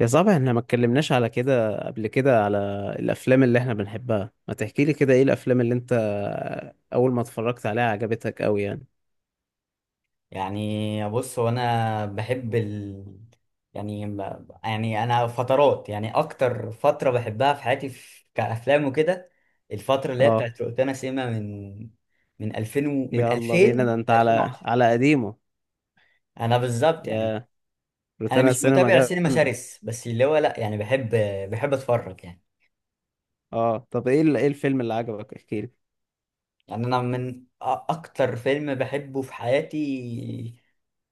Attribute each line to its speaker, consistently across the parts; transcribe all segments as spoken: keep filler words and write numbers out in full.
Speaker 1: يا صاحبي، احنا ما اتكلمناش على كده قبل كده على الافلام اللي احنا بنحبها. ما تحكي لي كده ايه الافلام اللي انت اول ما اتفرجت عليها عجبتك قوي يعني؟
Speaker 2: يعني، بص هو انا بحب ال... يعني ب- يعني انا فترات، يعني اكتر فتره بحبها في حياتي، في... كافلام وكده، الفتره اللي هي
Speaker 1: اه،
Speaker 2: بتاعت روتانا سيما من من ألفين و... من
Speaker 1: يلا بينا، ده
Speaker 2: ألفين
Speaker 1: انت
Speaker 2: ل
Speaker 1: على
Speaker 2: ألفين وعشرة،
Speaker 1: على قديمه.
Speaker 2: انا بالظبط يعني.
Speaker 1: يا
Speaker 2: انا
Speaker 1: روتانا
Speaker 2: مش
Speaker 1: السينما
Speaker 2: متابع سينما
Speaker 1: جامده.
Speaker 2: شرس، بس اللي هو لا، يعني بحب بحب اتفرج يعني.
Speaker 1: اه، طب ايه ال- ايه الفيلم اللي عجبك؟ احكي لي.
Speaker 2: يعني انا من أ- اكتر فيلم بحبه في حياتي،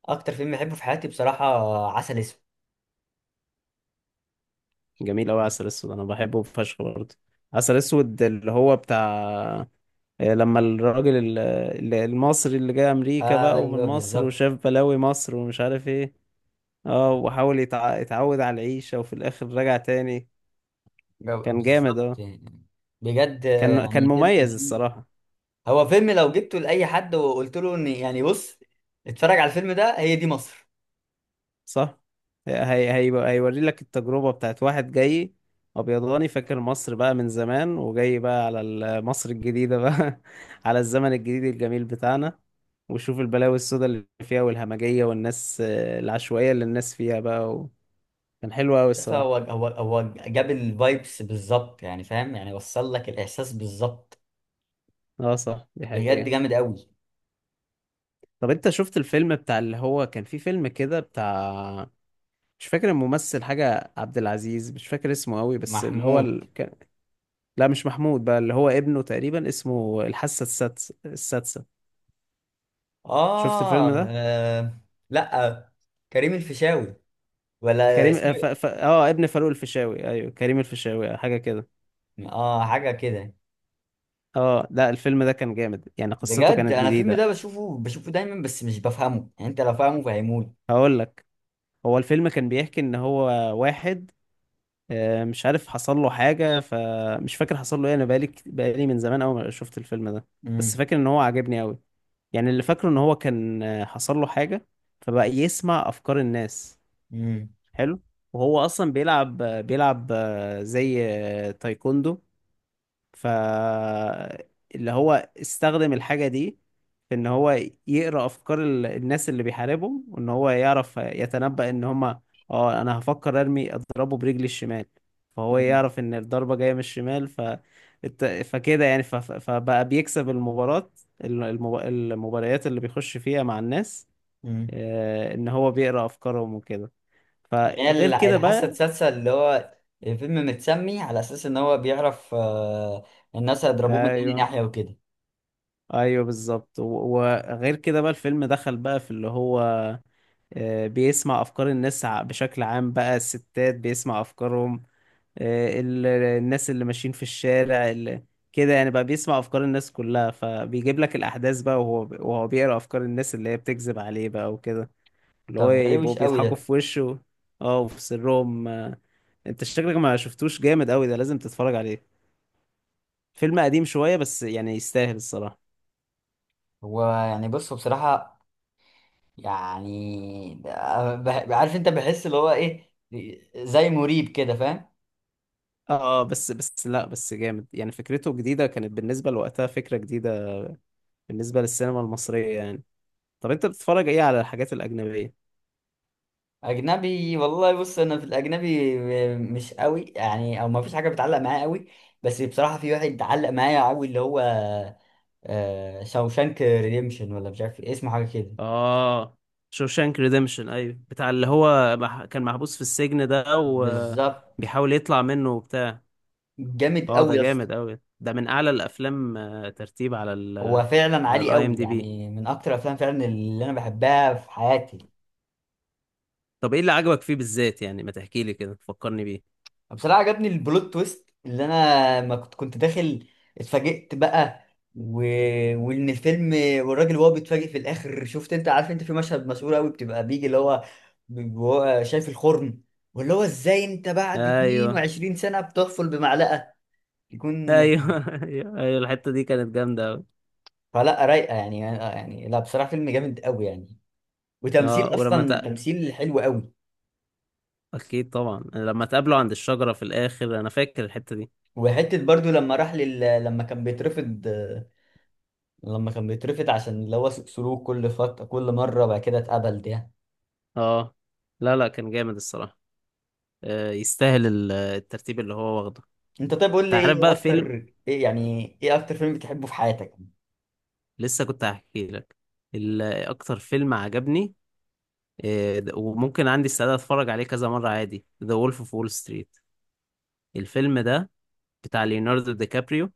Speaker 2: اكتر فيلم بحبه في حياتي بصراحه: عسل اسود.
Speaker 1: جميل قوي. عسل اسود انا بحبه فشخ برضه. عسل اسود اللي هو بتاع، آه، لما الراجل ال- ال- المصري اللي جاي امريكا بقى ومن
Speaker 2: ايوه
Speaker 1: مصر
Speaker 2: بالظبط.
Speaker 1: وشاف بلاوي مصر ومش عارف ايه. اه، وحاول يتع... يتعود على العيشة وفي الاخر رجع تاني.
Speaker 2: جو-
Speaker 1: كان جامد،
Speaker 2: بالظبط
Speaker 1: اه.
Speaker 2: يعني. بجد
Speaker 1: كان كان
Speaker 2: يعني، فيلم
Speaker 1: مميز
Speaker 2: فيه.
Speaker 1: الصراحة.
Speaker 2: هو فيلم لو جبته لأي حد وقلت له ان، يعني بص اتفرج على الفيلم ده، هي دي مصر.
Speaker 1: صح. هي... هي... هيوري لك التجربة بتاعت واحد جاي ابيضاني، فاكر مصر بقى من زمان وجاي بقى على ال- مصر الجديدة بقى على الزمن الجديد الجميل بتاعنا. وشوف البلاوي السوداء اللي فيها والهمجية والناس، آه، العشوائية اللي الناس فيها بقى و... كان حلو قوي
Speaker 2: بس
Speaker 1: الصراحة.
Speaker 2: هو هو هو جاب الفايبس بالظبط، يعني فاهم، يعني وصل لك الإحساس بالظبط.
Speaker 1: اه، صح، دي
Speaker 2: بجد
Speaker 1: حقيقة.
Speaker 2: جامد قوي.
Speaker 1: طب انت شفت الفيلم بتاع اللي هو كان في فيلم كده بتاع، مش فاكر الممثل حاجة عبد العزيز، مش فاكر اسمه قوي، بس اللي هو
Speaker 2: محمود.
Speaker 1: ال... كان... لا مش محمود، بقى اللي هو ابنه تقريبا، اسمه الحاسة السادسة. السادسة شفت
Speaker 2: آه,
Speaker 1: الفيلم ده؟
Speaker 2: آه. لا، كريم الفيشاوي، ولا
Speaker 1: كريم، اه،
Speaker 2: اسمه
Speaker 1: ف...
Speaker 2: إيه؟
Speaker 1: ف... اه ابن فاروق الفيشاوي، ايوه كريم الفيشاوي حاجة كده.
Speaker 2: اه، حاجة كده.
Speaker 1: اه، لا، الفيلم ده كان جامد يعني، قصته
Speaker 2: بجد
Speaker 1: كانت
Speaker 2: انا الفيلم ده
Speaker 1: جديدة.
Speaker 2: بشوفه بشوفه دايما، بس مش بفهمه، يعني انت لو فاهمه فهموني.
Speaker 1: هقول لك. هو الفيلم كان بيحكي ان هو واحد، آه، مش عارف حصل له حاجة، فمش فاكر حصل له ايه. انا بقالي كت- بقالي من زمان أوي ما شفت الفيلم ده.
Speaker 2: امم.
Speaker 1: بس فاكر ان هو عجبني أوي. يعني اللي فاكره ان هو كان، آه، حصل له حاجة، فبقى يسمع افكار الناس.
Speaker 2: امم.
Speaker 1: حلو. وهو اصلا بيلعب بيلعب آه، زي آه، تايكوندو. ف اللي هو استخدم الحاجة دي في ان هو يقرأ افكار ال- الناس اللي بيحاربهم، وان هو يعرف يتنبأ ان هما اه انا هفكر ارمي اضربه برجلي الشمال. فهو
Speaker 2: إمم.
Speaker 1: يعرف ان الضربة جاية من الشمال. ف الت- فكده يعني، ف... ف- فبقى بيكسب المباراة. الم- المب... المباريات اللي بيخش فيها مع الناس،
Speaker 2: مم.
Speaker 1: آه، ان هو بيقرأ افكارهم وكده.
Speaker 2: اللي هي
Speaker 1: فغير
Speaker 2: ال-
Speaker 1: كده
Speaker 2: الحاسة
Speaker 1: بقى،
Speaker 2: السادسة، اللي هو الفيلم متسمي على أساس إن هو بيعرف آه، الناس هيضربوه من أي
Speaker 1: ايوه
Speaker 2: ناحية وكده.
Speaker 1: ايوه، بالظبط. و- وغير كده بقى الفيلم دخل بقى في اللي هو آه، بيسمع افكار الناس ع- بشكل عام، بقى الستات بيسمع افكارهم. آه، ال- الناس اللي ماشيين في الشارع اللي كده يعني، بقى بيسمع افكار الناس كلها. فبيجيب لك الاحداث بقى، وهو وهو بيقرا افكار الناس اللي هي بتكذب عليه بقى وكده. اللي هو
Speaker 2: طب ده
Speaker 1: يبقوا
Speaker 2: روش قوي
Speaker 1: بيضحكوا
Speaker 2: ده.
Speaker 1: في وشه اه وفي سرهم. آه. انت شكلك ما شفتوش. جامد قوي ده، لازم تتفرج عليه. فيلم قديم شوية بس يعني، يستاهل الصراحة.
Speaker 2: هو يعني بص بصراحة، يعني ده- بح- عارف أنت بحس اللي هو إيه، زي مريب كده فاهم.
Speaker 1: اه، بس بس لا بس جامد يعني، فكرته جديدة كانت بالنسبة لوقتها، فكرة جديدة بالنسبة للسينما المصرية يعني. طب انت بتتفرج ايه على الحاجات الأجنبية؟
Speaker 2: أجنبي والله، بص أنا في الأجنبي مش قوي، يعني أو ما فيش حاجة بتعلق معايا قوي. بس بصراحة في واحد علق معايا قوي، اللي هو آه، شاوشانك ريديمشن، ولا مش عارف إيه، اسمه حاجة كده.
Speaker 1: اه، شوشانك ريديمشن، ايوه بتاع اللي هو مح... كان محبوس في السجن ده،
Speaker 2: بالظبط.
Speaker 1: وبيحاول يطلع منه وبتاع.
Speaker 2: جامد
Speaker 1: اه،
Speaker 2: قوي
Speaker 1: ده
Speaker 2: يا اسطى.
Speaker 1: جامد قوي، ده من اعلى الافلام آه، ترتيب على ال
Speaker 2: هو فعلا
Speaker 1: على
Speaker 2: عالي
Speaker 1: الاي ام
Speaker 2: قوي،
Speaker 1: دي بي
Speaker 2: يعني من اكتر الافلام فعلا اللي انا بحبها في حياتي.
Speaker 1: طب ايه اللي عجبك فيه بالذات يعني؟ ما تحكي لي كده، فكرني بيه.
Speaker 2: بصراحه عجبني البلوت تويست، اللي انا ما كنت كنت داخل، اتفاجئت بقى، و... وان الفيلم، والراجل وهو بيتفاجئ في الاخر، شفت انت عارف، انت في مشهد مشهور قوي بتبقى بيجي اللي هو ب- وهو شايف الخرم، واللي هو ازاي انت بعد
Speaker 1: ايوه
Speaker 2: اتنين وعشرين سنه بتحفل بمعلقه يكون.
Speaker 1: ايوه ايوه ايوه، الحتة دي كانت جامدة قوي.
Speaker 2: فلا رايقه، يعني يعني لا، بصراحه فيلم جامد قوي يعني،
Speaker 1: اه،
Speaker 2: وتمثيل
Speaker 1: ولما
Speaker 2: اصلا،
Speaker 1: ت...
Speaker 2: تمثيل حلو قوي.
Speaker 1: اكيد طبعا، لما اتقابلوا عند الشجرة في الاخر، انا فاكر الحتة دي.
Speaker 2: وحته برضو، لما راح لل... لما كان بيترفض، لما كان بيترفض عشان اللي هو سلوك، كل فتره، كل مره بعد كده اتقبل ده.
Speaker 1: اه، لا لا، كان جامد الصراحة. آه يستاهل ال- الترتيب اللي هو واخده.
Speaker 2: انت طيب، قول
Speaker 1: انت
Speaker 2: لي
Speaker 1: عارف
Speaker 2: ايه
Speaker 1: بقى فيلم،
Speaker 2: اكتر، ايه يعني ايه اكتر فيلم بتحبه في حياتك؟
Speaker 1: لسه كنت هحكي لك ال- اكتر فيلم عجبني، آه د- وممكن عندي استعداد اتفرج عليه كذا مرة عادي، ذا وولف اوف وول ستريت. الفيلم ده بتاع ليوناردو دي كابريو.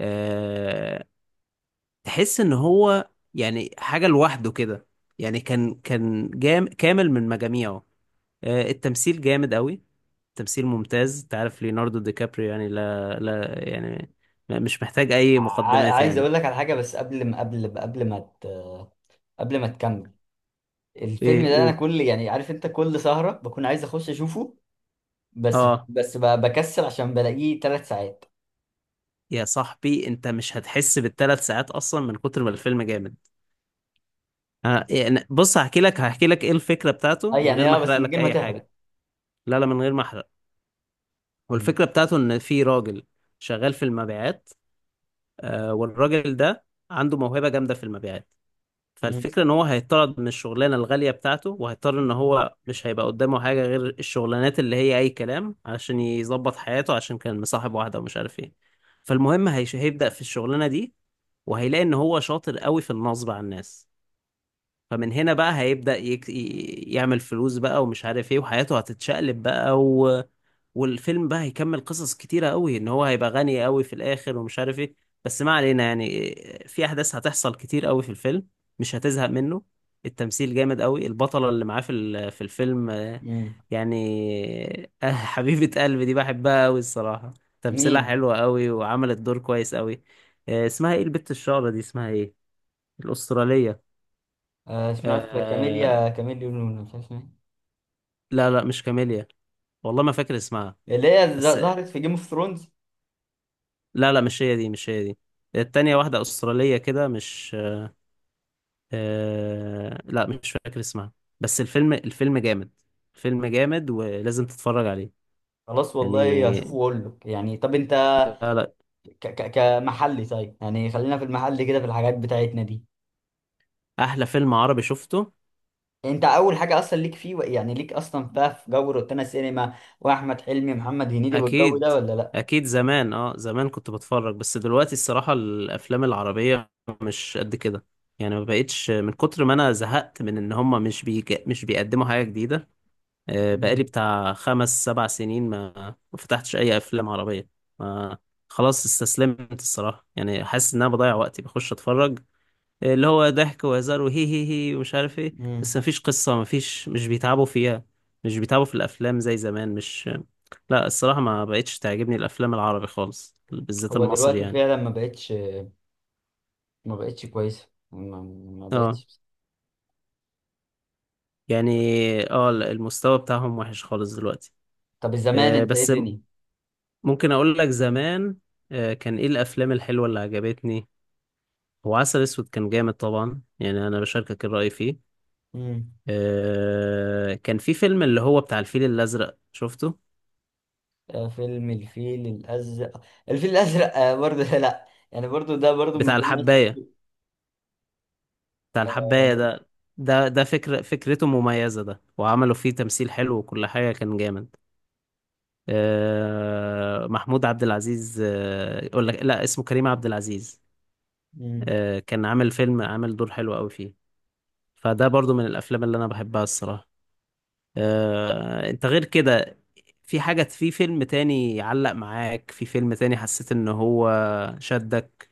Speaker 1: آه تحس ان هو يعني حاجة لوحده كده. يعني كان كان جام كامل من مجاميعه. آه، التمثيل جامد قوي، تمثيل ممتاز. انت عارف ليوناردو دي كابريو يعني، لا لا يعني م- مش محتاج اي
Speaker 2: ع...
Speaker 1: مقدمات
Speaker 2: عايز
Speaker 1: يعني.
Speaker 2: اقول لك على حاجه، بس قبل ما قبل قبل ما ت... قبل ما تكمل. الفيلم
Speaker 1: ايه؟
Speaker 2: ده انا
Speaker 1: قول.
Speaker 2: كل، يعني عارف انت، كل سهره بكون عايز اخش اشوفه. بس
Speaker 1: اه،
Speaker 2: بس ب- بكسل عشان بلاقيه ثلاث ساعات.
Speaker 1: يا صاحبي، انت مش هتحس بالثلاث ساعات اصلا من كتر ما الفيلم جامد. آه يعني بص، هحكي لك هحكي لك ايه الفكره بتاعته
Speaker 2: اه
Speaker 1: من غير
Speaker 2: يعني،
Speaker 1: ما
Speaker 2: اه بس
Speaker 1: احرق
Speaker 2: من
Speaker 1: لك
Speaker 2: غير ما
Speaker 1: اي حاجه.
Speaker 2: تحرق.
Speaker 1: لا لا، من غير ما احرق.
Speaker 2: مم.
Speaker 1: والفكره بتاعته ان في راجل شغال في المبيعات، آه والراجل ده عنده موهبه جامده في المبيعات.
Speaker 2: مم.
Speaker 1: فالفكرة ان هو هيطرد من الشغلانة الغالية بتاعته، وهيضطر ان هو مش هيبقى قدامه حاجة غير الشغلانات اللي هي اي كلام علشان يظبط حياته، عشان كان مصاحب واحدة ومش عارف ايه. فالمهم هيش- هيبدأ في الشغلانة دي، وهيلاقي ان هو شاطر قوي في النصب على الناس. فمن هنا بقى هيبدأ يك... ي- يعمل فلوس بقى ومش عارف ايه، وحياته هتتشقلب بقى و... والفيلم بقى هيكمل قصص كتيرة قوي، ان هو هيبقى غني قوي في الاخر ومش عارف ايه. بس ما علينا يعني، في احداث هتحصل كتير قوي في الفيلم، مش هتزهق منه. التمثيل جامد قوي. البطلة اللي معاه في ال- في الفيلم، آه،
Speaker 2: مم.
Speaker 1: يعني آه، حبيبة قلبي دي بحبها قوي الصراحة، تمثيلها
Speaker 2: مين؟
Speaker 1: حلوة قوي وعملت دور كويس قوي. آه، اسمها ايه البت الشعرة دي؟ اسمها ايه الأسترالية؟
Speaker 2: آه، اسمها عارف،
Speaker 1: آه،
Speaker 2: كاميليا، كاميليا لونا، مش عارف اسمها.
Speaker 1: لا لا مش كاميليا، والله ما فاكر اسمها.
Speaker 2: إيه. اللي هي
Speaker 1: بس
Speaker 2: ز- ظهرت في جيم اوف ثرونز.
Speaker 1: لا لا، مش هي دي، مش هي دي. التانية واحدة أسترالية كده، مش... آه... لا مش فاكر اسمها. بس الفيلم الفيلم جامد، الفيلم جامد ولازم تتفرج عليه
Speaker 2: خلاص والله، هشوفه
Speaker 1: يعني.
Speaker 2: واقول لك يعني. طب انت،
Speaker 1: لا لا،
Speaker 2: ك ك كمحلي، طيب يعني خلينا في المحل كده، في الحاجات بتاعتنا دي.
Speaker 1: أحلى فيلم عربي شفته.
Speaker 2: انت اول حاجه اصلا ليك فيه، يعني ليك اصلا بقى في جو روتانا سينما، واحمد حلمي، محمد هنيدي والجو
Speaker 1: أكيد
Speaker 2: ده، ولا لا؟
Speaker 1: أكيد. زمان أه، زمان كنت بتفرج، بس دلوقتي الصراحة الأفلام العربية مش قد كده يعني. ما بقتش، من كتر ما أنا زهقت من إن هما مش بيج... مش بيقدموا حاجة جديدة. آه،
Speaker 2: مم.
Speaker 1: بقالي بتاع خمس سبع سنين ما ما فتحتش أي أفلام عربية ما خلاص. استسلمت الصراحة يعني، حاسس إن أنا بضيع وقتي بخش أتفرج آه، اللي هو ضحك وهزار وهي هي هي ومش عارف إيه.
Speaker 2: مم.
Speaker 1: بس مفيش قصة، مفيش، مش بيتعبوا فيها. مش بيتعبوا في الأفلام زي زمان، مش... لا الصراحة ما بقتش تعجبني الأفلام العربي خالص، بالذات
Speaker 2: هو
Speaker 1: المصري
Speaker 2: دلوقتي
Speaker 1: يعني.
Speaker 2: فعلا ما بقتش ما بقتش كويسه، ما, ما
Speaker 1: اه
Speaker 2: بقتش.
Speaker 1: يعني، اه، المستوى بتاعهم وحش خالص دلوقتي.
Speaker 2: طب الزمان
Speaker 1: آه،
Speaker 2: انت، ايه
Speaker 1: بس
Speaker 2: الدنيا.
Speaker 1: ممكن أقول لك زمان آه، كان ايه الافلام الحلوه اللي عجبتني. هو عسل اسود كان جامد طبعا يعني، انا بشاركك الرأي فيه. آه كان في فيلم اللي هو بتاع الفيل الازرق، شفته؟
Speaker 2: آه، فيلم الفيل الأزرق. الفيل الأزرق آه، برضه، لا يعني برضه، ده برضه من
Speaker 1: بتاع
Speaker 2: اللي أنا
Speaker 1: الحباية.
Speaker 2: شفته.
Speaker 1: بتاع
Speaker 2: آه،
Speaker 1: الحباية
Speaker 2: لا.
Speaker 1: ده، ده ده فكرة فكرته مميزة، ده وعملوا فيه تمثيل حلو، وكل حاجة كان جامد. آه محمود عبد العزيز، آه يقول لك لا، اسمه كريم عبد العزيز.
Speaker 2: مم.
Speaker 1: آه كان عامل فيلم، عامل دور حلو قوي فيه، فده برضو من الافلام اللي انا بحبها الصراحة. آه انت غير كده، في حاجة في فيلم تاني يعلق معاك، في فيلم تاني حسيت ان هو شدك؟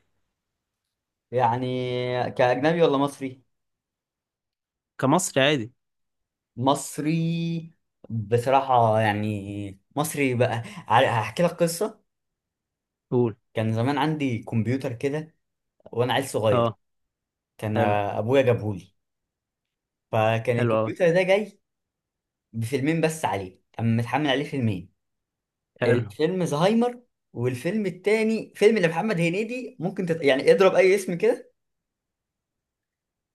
Speaker 2: يعني كأجنبي ولا مصري؟
Speaker 1: كمصري عادي.
Speaker 2: مصري. بصراحة يعني مصري، بقى ع- هحكي لك قصة.
Speaker 1: قول.
Speaker 2: كان زمان عندي كمبيوتر كده، وأنا عيل صغير.
Speaker 1: اه.
Speaker 2: كان
Speaker 1: حلو.
Speaker 2: آه، أبويا جابهولي. فكان
Speaker 1: حلو اوي.
Speaker 2: الكمبيوتر ده جاي بفيلمين بس عليه، كان متحمل عليه فيلمين.
Speaker 1: حلو.
Speaker 2: الفيلم زهايمر، والفيلم التاني فيلم لمحمد هنيدي، ممكن تت... يعني اضرب اي اسم كده.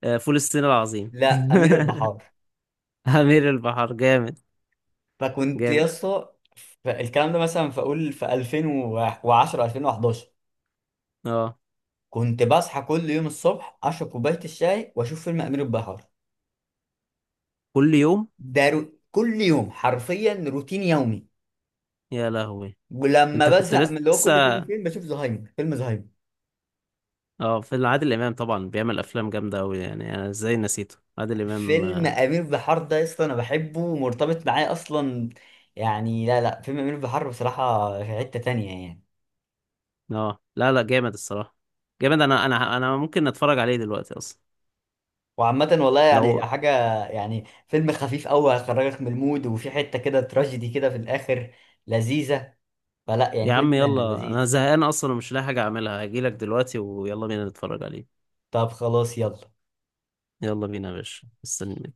Speaker 1: آه، فول الصين العظيم.
Speaker 2: لا، امير البحار.
Speaker 1: أمير البحر جامد.
Speaker 2: فكنت يا
Speaker 1: جامد.
Speaker 2: اسطى، ف- الكلام ده مثلا، فاقول في ألفين وعشرة ألفين وأحد عشر
Speaker 1: اه.
Speaker 2: كنت بصحى كل يوم الصبح، اشرب كوبايه الشاي، واشوف فيلم امير البحار.
Speaker 1: كل يوم.
Speaker 2: ده رو... كل يوم حرفيا، روتين يومي.
Speaker 1: يا لهوي.
Speaker 2: ولما
Speaker 1: انت كنت
Speaker 2: بزهق من اللي هو كل فيلم،
Speaker 1: لسه.
Speaker 2: فيلم بشوف زهايمر، فيلم زهايمر.
Speaker 1: اه، في عادل امام طبعا بيعمل افلام جامده قوي يعني. انا ازاي نسيته عادل امام؟
Speaker 2: فيلم امير بحار ده يا اسطى انا بحبه، ومرتبط معايا اصلا، يعني. لا لا، فيلم امير بحار بصراحه في حته تانية يعني.
Speaker 1: اه، لا لا، جامد الصراحه. جامد، انا انا انا ممكن اتفرج عليه دلوقتي اصلا.
Speaker 2: وعامة والله يعني
Speaker 1: لو...
Speaker 2: حاجة، يعني فيلم خفيف أوي، هيخرجك من المود، وفي حتة كده تراجيدي كده في الآخر، لذيذة. فلا يعني
Speaker 1: يا عم
Speaker 2: فيلم
Speaker 1: يلا، انا
Speaker 2: لذيذ.
Speaker 1: زهقان اصلا ومش لاقي حاجه اعملها، هجيلك دلوقتي ويلا بينا نتفرج عليه.
Speaker 2: طب خلاص، يلا.
Speaker 1: يلا بينا يا باشا، مستني.